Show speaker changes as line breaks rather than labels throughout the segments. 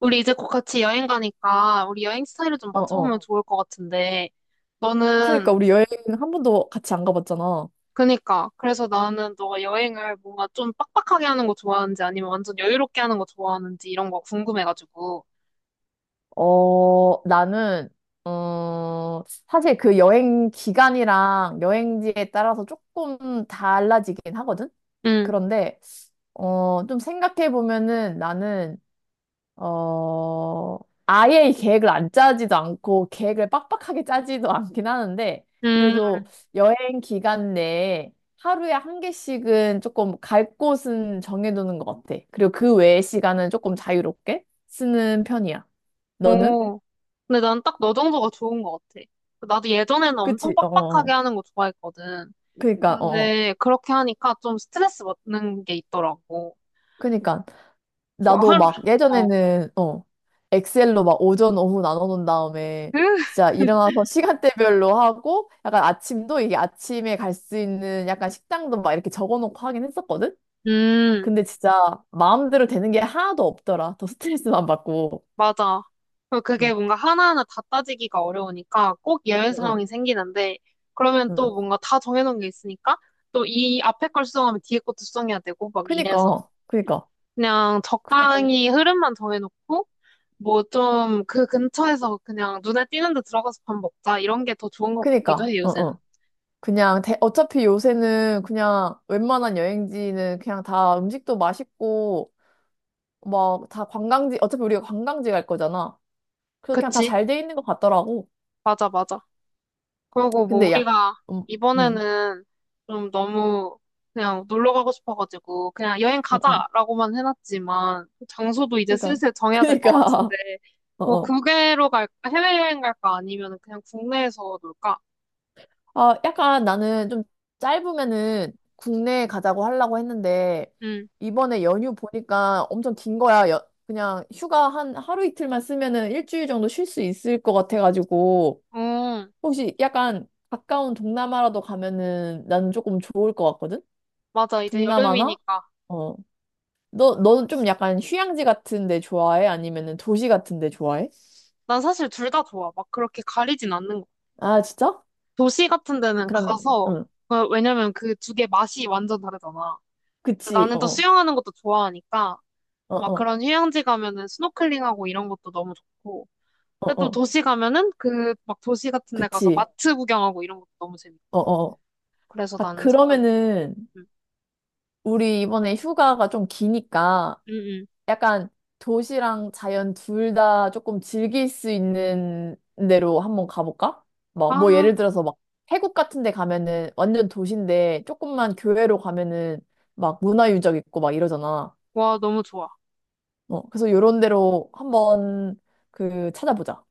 우리 이제 곧 같이 여행 가니까 우리 여행 스타일을 좀
어, 어.
맞춰보면 좋을 것 같은데 너는?
그러니까 우리 여행 한 번도 같이 안 가봤잖아.
그니까 그래서 나는 너가 여행을 뭔가 좀 빡빡하게 하는 거 좋아하는지 아니면 완전 여유롭게 하는 거 좋아하는지 이런 거 궁금해가지고.
어, 나는, 어, 사실 그 여행 기간이랑 여행지에 따라서 조금 달라지긴 하거든?
응,
그런데, 좀 생각해 보면은 나는 어, 아예 이 계획을 안 짜지도 않고 계획을 빡빡하게 짜지도 않긴 하는데
음,
그래도 여행 기간 내에 하루에 한 개씩은 조금 갈 곳은 정해두는 것 같아. 그리고 그 외의 시간은 조금 자유롭게 쓰는 편이야. 너는?
오. 근데 난 딱 너 정도가 좋은 것 같아. 나도 예전에는 엄청
그치? 어,
빡빡하게
어.
하는 거 좋아했거든.
그니까, 어.
근데 그렇게 하니까 좀 스트레스 받는 게 있더라고.
그니까.
막
나도
하루,
막
어.
예전에는 엑셀로 막 오전 오후 나눠놓은 다음에 진짜 일어나서 시간대별로 하고 약간 아침도 이게 아침에 갈 수 있는 약간 식당도 막 이렇게 적어놓고 하긴 했었거든.
음.
근데 진짜 마음대로 되는 게 하나도 없더라. 더 스트레스만 받고.
맞아. 그리고 그게
응,
뭔가 하나하나 다 따지기가 어려우니까 꼭 예외
응, 응.
상황이 생기는데, 그러면
응.
또 뭔가 다 정해놓은 게 있으니까, 또 이 앞에 걸 수정하면 뒤에 것도 수정해야 되고, 막 이래서.
그니까, 그니까.
그냥
그래가지고,
적당히 흐름만 정해놓고, 뭐 좀 그 근처에서 그냥 눈에 띄는 데 들어가서 밥 먹자, 이런 게 더 좋은 것 같기도
그니까,
해,
응,
요새는.
응. 그냥 어차피 요새는 그냥 웬만한 여행지는 그냥 다 음식도 맛있고 막 다 관광지, 어차피 우리가 관광지 갈 거잖아. 그래서 그냥 다
그치?
잘 돼 있는 것 같더라고.
맞아, 맞아. 그리고 뭐
근데 야,
우리가
음, 음,
이번에는 좀 너무 그냥 놀러 가고 싶어가지고 그냥 여행
음, 음.
가자라고만 해놨지만 그 장소도 이제
그니까,
슬슬 정해야 될 것 같은데
그니까, 어,
뭐
어.
국외로 갈까, 해외여행 갈까, 아니면 그냥 국내에서 놀까?
아, 약간 나는 좀 짧으면은 국내에 가자고 하려고 했는데,
응.
이번에 연휴 보니까 엄청 긴 거야. 그냥 휴가 한 하루 이틀만 쓰면은 일주일 정도 쉴 수 있을 것 같아가지고,
음,
혹시 약간 가까운 동남아라도 가면은 나는 조금 좋을 것 같거든?
맞아. 이제
동남아나?
여름이니까.
어. 너, 너는 좀 약간 휴양지 같은 데 좋아해? 아니면은 도시 같은 데 좋아해?
난 사실 둘 다 좋아. 막 그렇게 가리진 않는 거.
아, 진짜?
도시 같은 데는
그러면,
가서,
응.
어, 왜냐면 그 두 개 맛이 완전 다르잖아. 근데
그치,
나는 또
어, 어,
수영하는 것도 좋아하니까
어,
막
어,
그런 휴양지 가면은 스노클링하고 이런 것도 너무 좋고.
어,
근데 또
어.
도시 가면은 그 막 도시 같은 데 가서
그치,
마트 구경하고 이런 것도 너무
어,
재밌고.
어.
그래서
아,
나는 상관없어.
그러면은,
응,
우리 이번에 휴가가 좀 기니까,
응. 응.
약간 도시랑 자연 둘 다 조금 즐길 수 있는 데로 한번 가볼까? 뭐,
아,
뭐 예를 들어서 막, 태국 같은 데 가면은 완전 도시인데, 조금만 교외로 가면은 막 문화유적 있고 막 이러잖아.
와, 너무 좋아.
그래서 요런 데로 한번 그 찾아보자.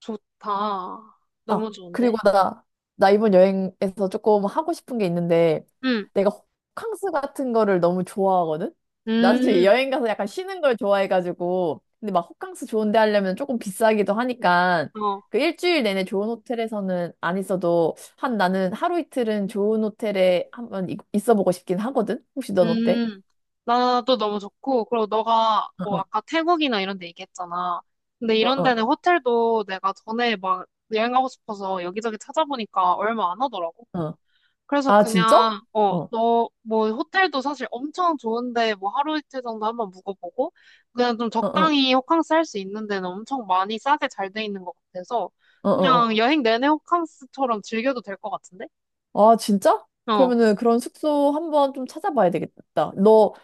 좋다.
아,
너무
그리고
좋은데?
나, 이번 여행에서 조금 하고 싶은 게 있는데,
응,
내가 호캉스 같은 거를 너무 좋아하거든? 나는 지금
음,
여행 가서 약간 쉬는 걸 좋아해가지고, 근데 막 호캉스 좋은 데 하려면 조금 비싸기도 하니까,
어,
그 일주일 내내 좋은 호텔에서는 안 있어도, 한 나는 하루 이틀은 좋은 호텔에 한번 있어 보고 싶긴 하거든? 혹시 넌 어때?
음. 나도 너무 좋고. 그리고 너가 뭐
어,
아까 태국이나 이런 데 얘기했잖아. 근데
어,
이런
어,
데는 호텔도 내가 전에 막 여행 가고 싶어서 여기저기 찾아보니까 얼마 안 하더라고.
어. 어.
그래서
아, 진짜?
그냥, 어,
어, 어,
너, 뭐, 호텔도 사실 엄청 좋은데, 뭐, 하루 이틀 정도 한번 묵어보고, 그냥 좀
어, 어,
적당히 호캉스 할 수 있는 데는 엄청 많이 싸게 잘 돼 있는 것 같아서,
어. 어.
그냥 여행 내내 호캉스처럼 즐겨도 될 것 같은데?
아, 진짜?
어,
그러면은 그런 숙소 한번 좀 찾아봐야 되겠다. 너,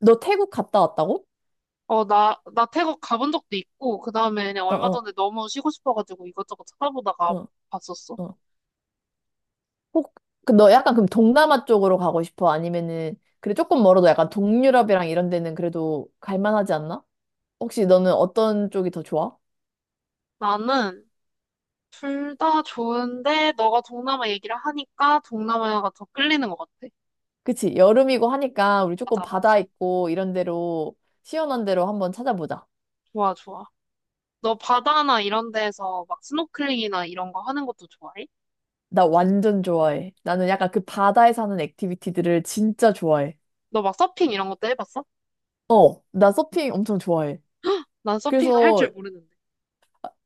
너 태국 갔다 왔다고?
어, 나 태국 가본 적도 있고, 그 다음에 그냥
어,
얼마
어,
전에 너무 쉬고 싶어가지고 이것저것 찾아보다가
어,
봤었어.
어. 혹, 그 너 약간 그럼 동남아 쪽으로 가고 싶어? 아니면은, 그래, 조금 멀어도 약간 동유럽이랑 이런 데는 그래도 갈만하지 않나? 혹시 너는 어떤 쪽이 더 좋아?
나는 둘 다 좋은데, 너가 동남아 얘기를 하니까 동남아가 더 끌리는 것 같아.
그치, 여름이고 하니까 우리 조금
맞아, 맞아.
바다 있고 이런 데로, 시원한 데로 한번 찾아보자.
좋아, 좋아. 너 바다나 이런 데서 막 스노클링이나 이런 거 하는 것도 좋아해?
나 완전 좋아해. 나는 약간 그 바다에 사는 액티비티들을 진짜 좋아해.
너 막 서핑 이런 것도 해봤어?
어, 나 서핑 엄청 좋아해.
난 서핑을 할 줄
그래서
모르는데.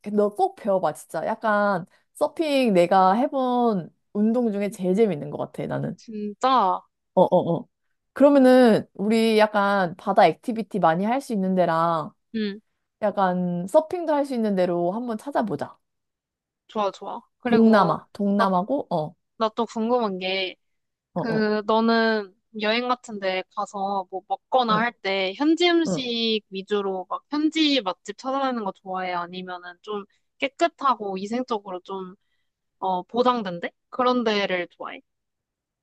그 너꼭 배워봐, 진짜. 약간 서핑 내가 해본 운동 중에 제일 재밌는 것 같아, 나는.
진짜?
어, 어, 어. 그러면은 우리 약간 바다 액티비티 많이 할 수 있는 데랑
응,
약간 서핑도 할 수 있는 데로 한번 찾아보자.
좋아, 좋아. 그리고
동남아,
나,
동남아고, 어,
나 또 궁금한 게,
어, 어,
그, 너는 여행 같은 데 가서 뭐 먹거나
어,
할 때 현지
어.
음식 위주로 막 현지 맛집 찾아다니는 거 좋아해? 아니면은 좀 깨끗하고 위생적으로 좀, 어, 보장된대? 그런 데를 좋아해?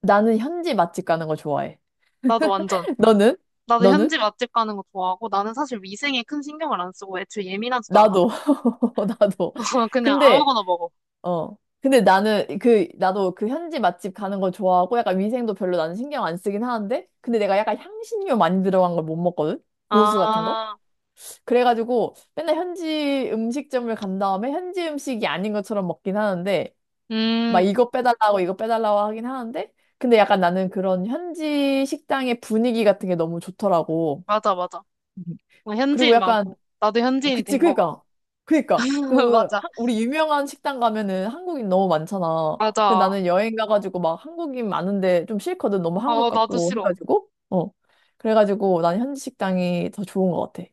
나는 현지 맛집 가는 거 좋아해.
나도 완전.
너는?
나도
너는?
현지 맛집 가는 거 좋아하고 나는 사실 위생에 큰 신경을 안 쓰고 애초에 예민하지도 않아.
나도, 나도.
그냥
근데
아무거나 먹어.
어. 근데 나는 그 나도 그 현지 맛집 가는 거 좋아하고 약간 위생도 별로 나는 신경 안 쓰긴 하는데 근데 내가 약간 향신료 많이 들어간 걸 못 먹거든. 고수 같은 거.
아,
그래가지고 맨날 현지 음식점을 간 다음에 현지 음식이 아닌 것처럼 먹긴 하는데 막
음,
이거 빼달라고 이거 빼달라고 하긴 하는데 근데 약간 나는 그런 현지 식당의 분위기 같은 게 너무 좋더라고.
맞아, 맞아. 어,
그리고
현지인
약간
많고. 나도
어,
현지인이
그치,
된 거 같고.
그니까. 그니까. 그,
맞아,
우리 유명한 식당 가면은 한국인 너무 많잖아. 그래서
맞아.
나는 여행 가가지고 막 한국인 많은데 좀 싫거든. 너무 한국
어, 나도
같고
싫어.
해가지고. 어. 그래가지고 난 현지 식당이 더 좋은 것 같아.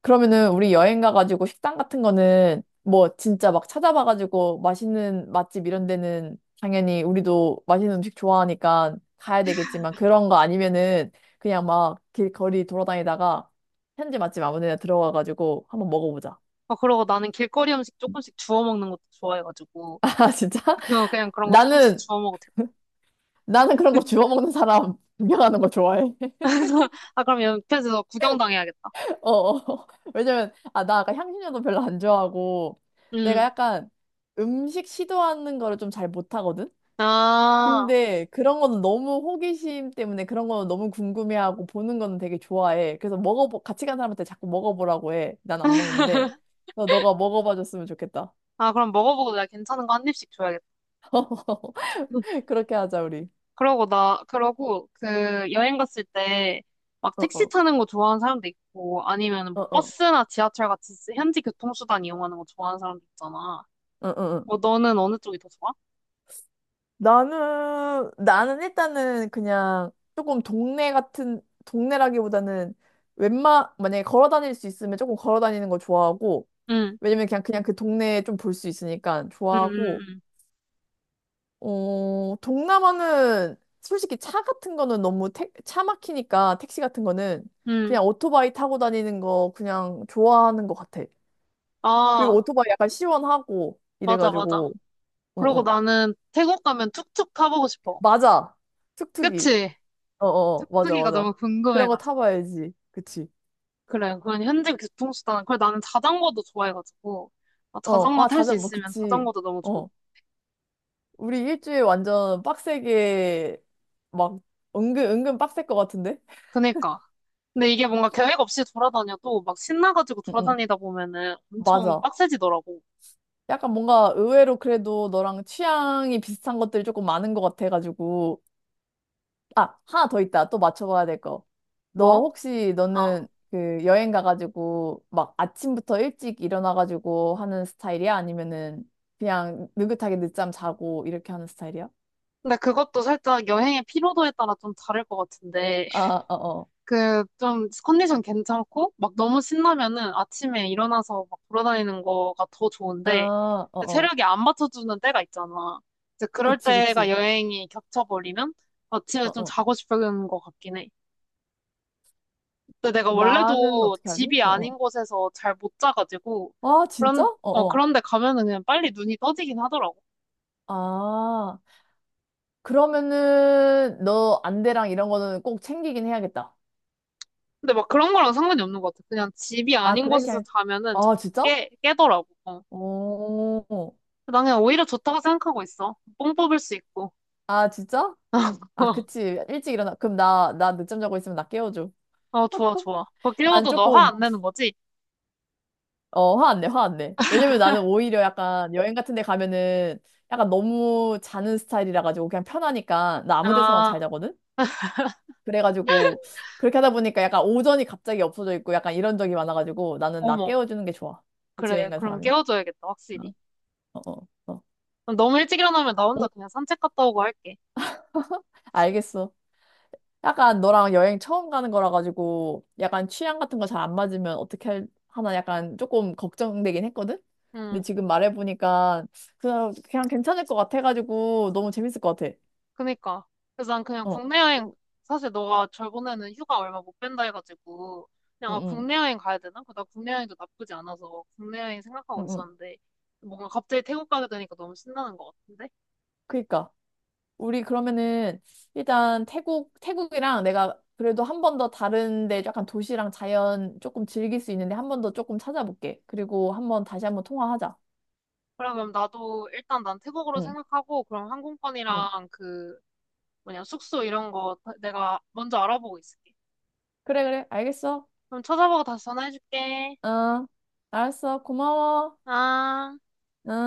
그러면은 우리 여행 가가지고 식당 같은 거는 뭐 진짜 막 찾아봐가지고 맛있는 맛집 이런 데는 당연히 우리도 맛있는 음식 좋아하니까 가야 되겠지만 그런 거 아니면은 그냥 막 길거리 돌아다니다가 현지 맛집 아무 데나 들어가가지고 한번 먹어보자.
아, 그러고 나는 길거리 음식 조금씩 주워 먹는 것도 좋아해가지고.
아, 진짜?
그냥 그런 거 조금씩
나는,
주워 먹어도
나는 그런 거
돼.
주워 먹는 사람 구경하는 거 좋아해.
아, 그럼 옆에서 구경당해야겠다.
어, 어. 왜냐면, 아, 나 아까 향신료도 별로 안 좋아하고 내가
음.
약간 음식 시도하는 거를 좀 잘 못하거든?
아,
근데 그런 거는 너무 호기심 때문에 그런 거는 너무 궁금해하고 보는 거는 되게 좋아해. 그래서 같이 간 사람한테 자꾸 먹어보라고 해. 난 안 먹는데. 너가 먹어봐 줬으면 좋겠다.
아, 그럼 먹어보고 내가 괜찮은 거 한 입씩 줘야겠다.
그렇게 하자, 우리.
그러고 나, 그러고 그 여행 갔을 때 막
어,
택시
어,
타는 거 좋아하는 사람도 있고 아니면
어,
뭐
어,
버스나 지하철 같이 현지 교통수단 이용하는 거 좋아하는 사람도 있잖아.
어, 어. 어.
뭐 너는 어느 쪽이 더 좋아?
나는 일단은 그냥 조금 동네 같은, 동네라기보다는 웬만, 만약에 걸어 다닐 수 있으면 조금 걸어 다니는 거 좋아하고,
응,
왜냐면 그냥, 그냥 그 동네에 좀 볼 수 있으니까
응,
좋아하고,
응,
어, 동남아는 솔직히 차 같은 거는 너무 차 막히니까 택시 같은 거는
응. 응.
그냥 오토바이 타고 다니는 거 그냥 좋아하는 것 같아. 그리고
아,
오토바이 약간 시원하고
맞아, 맞아.
이래가지고, 어,
그러고
어.
나는 태국 가면 툭툭 타보고 싶어.
맞아. 툭툭이.
그치?
어, 어, 어. 맞아,
툭툭이가
맞아.
너무
그런 거
궁금해가지고.
타봐야지. 그치.
그래, 그건 현지 교통수단은. 그래, 나는 자전거도 좋아해가지고. 아,
어,
자전거
아,
탈 수
뭐,
있으면
그치.
자전거도 너무 좋을.
어. 우리 일주일 완전 빡세게 막 은근, 은근 빡셀 것 같은데?
아 그니까. 근데 이게 뭔가 계획 없이 돌아다녀도 막 신나가지고
응, 응.
돌아다니다 보면은 엄청
맞아.
빡세지더라고.
약간 뭔가 의외로 그래도 너랑 취향이 비슷한 것들이 조금 많은 것 같아가지고. 아, 하나 더 있다. 또 맞춰봐야 될 거. 너
뭐?
혹시
아,
너는 그 여행 가가지고 막 아침부터 일찍 일어나가지고 하는 스타일이야? 아니면은 그냥 느긋하게 늦잠 자고 이렇게 하는 스타일이야?
근데 그것도 살짝 여행의 피로도에 따라 좀 다를 것 같은데,
아, 어, 어.
그, 좀, 컨디션 괜찮고, 막 너무 신나면은 아침에 일어나서 막 돌아다니는 거가 더
아,
좋은데,
어,
근데
어.
체력이 안 받쳐주는 때가 있잖아. 이제 그럴
그치,
때가
그치.
여행이 겹쳐버리면 아침에
어,
좀
어.
자고 싶은 것 같긴 해. 근데 내가
나는
원래도
어떻게 하지?
집이
어, 어.
아닌 곳에서 잘 못 자가지고
아, 진짜?
그런
어,
어
어.
그런데 가면은 그냥 빨리 눈이 떠지긴 하더라고.
아. 그러면은 너 안대랑 이런 거는 꼭 챙기긴 해야겠다.
근데 막 그런 거랑 상관이 없는 것 같아. 그냥 집이
아,
아닌
그래?
곳에서
그냥
자면은 자-
아, 진짜?
깨 깨더라고. 어.
오.
난 그냥 오히려 좋다고 생각하고 있어. 뽕 뽑을 수 있고.
아, 진짜? 아, 그치. 일찍 일어나. 그럼 나, 나 늦잠 자고 있으면 나 깨워줘.
어 좋아 좋아. 그거
난
깨워도 너 화
조금,
안 내는 거지?
어, 화 안 내, 화 안 내. 왜냐면 나는 오히려 약간 여행 같은 데 가면은 약간 너무 자는 스타일이라 가지고 그냥 편하니까 나 아무 데서나 잘
아
자거든? 그래가지고 그렇게 하다 보니까 약간 오전이 갑자기 없어져 있고 약간 이런 적이 많아가지고 나는 나
어머
깨워주는 게 좋아. 같이
그래
여행 간
그럼
사람이.
깨워줘야겠다 확실히.
어, 어, 어.
그럼 너무 일찍 일어나면 나 혼자
응,
그냥 산책 갔다 오고 할게.
알겠어. 약간 너랑 여행 처음 가는 거라 가지고 약간 취향 같은 거 잘 안 맞으면 어떻게 하나 약간 조금 걱정되긴 했거든? 근데
음.
지금 말해보니까 그냥, 그냥 괜찮을 것 같아가지고 너무 재밌을 것 같아.
그니까. 그래서 난 그냥
어.
국내 여행,
우-
사실 너가 저번에는 휴가 얼마 못 뺀다 해가지고, 그냥
응,
아,
응,
국내 여행 가야 되나? 그나 국내 여행도 나쁘지 않아서 국내 여행
응,
생각하고
응.
있었는데, 뭔가 갑자기 태국 가게 되니까 너무 신나는 것 같은데?
그니까. 우리 그러면은 일단 태국, 태국이랑 내가 그래도 한 번 더 다른데 약간 도시랑 자연 조금 즐길 수 있는데 한 번 더 조금 찾아볼게. 그리고 한번 다시 한번 통화하자.
그래, 그럼 나도 일단 난 태국으로
응,
생각하고, 그럼
응.
항공권이랑 그, 뭐냐, 숙소 이런 거 다- 내가 먼저 알아보고 있을게.
그래, 그래. 알겠어.
그럼 찾아보고 다시 전화해줄게.
어, 알았어. 고마워.
아.
어.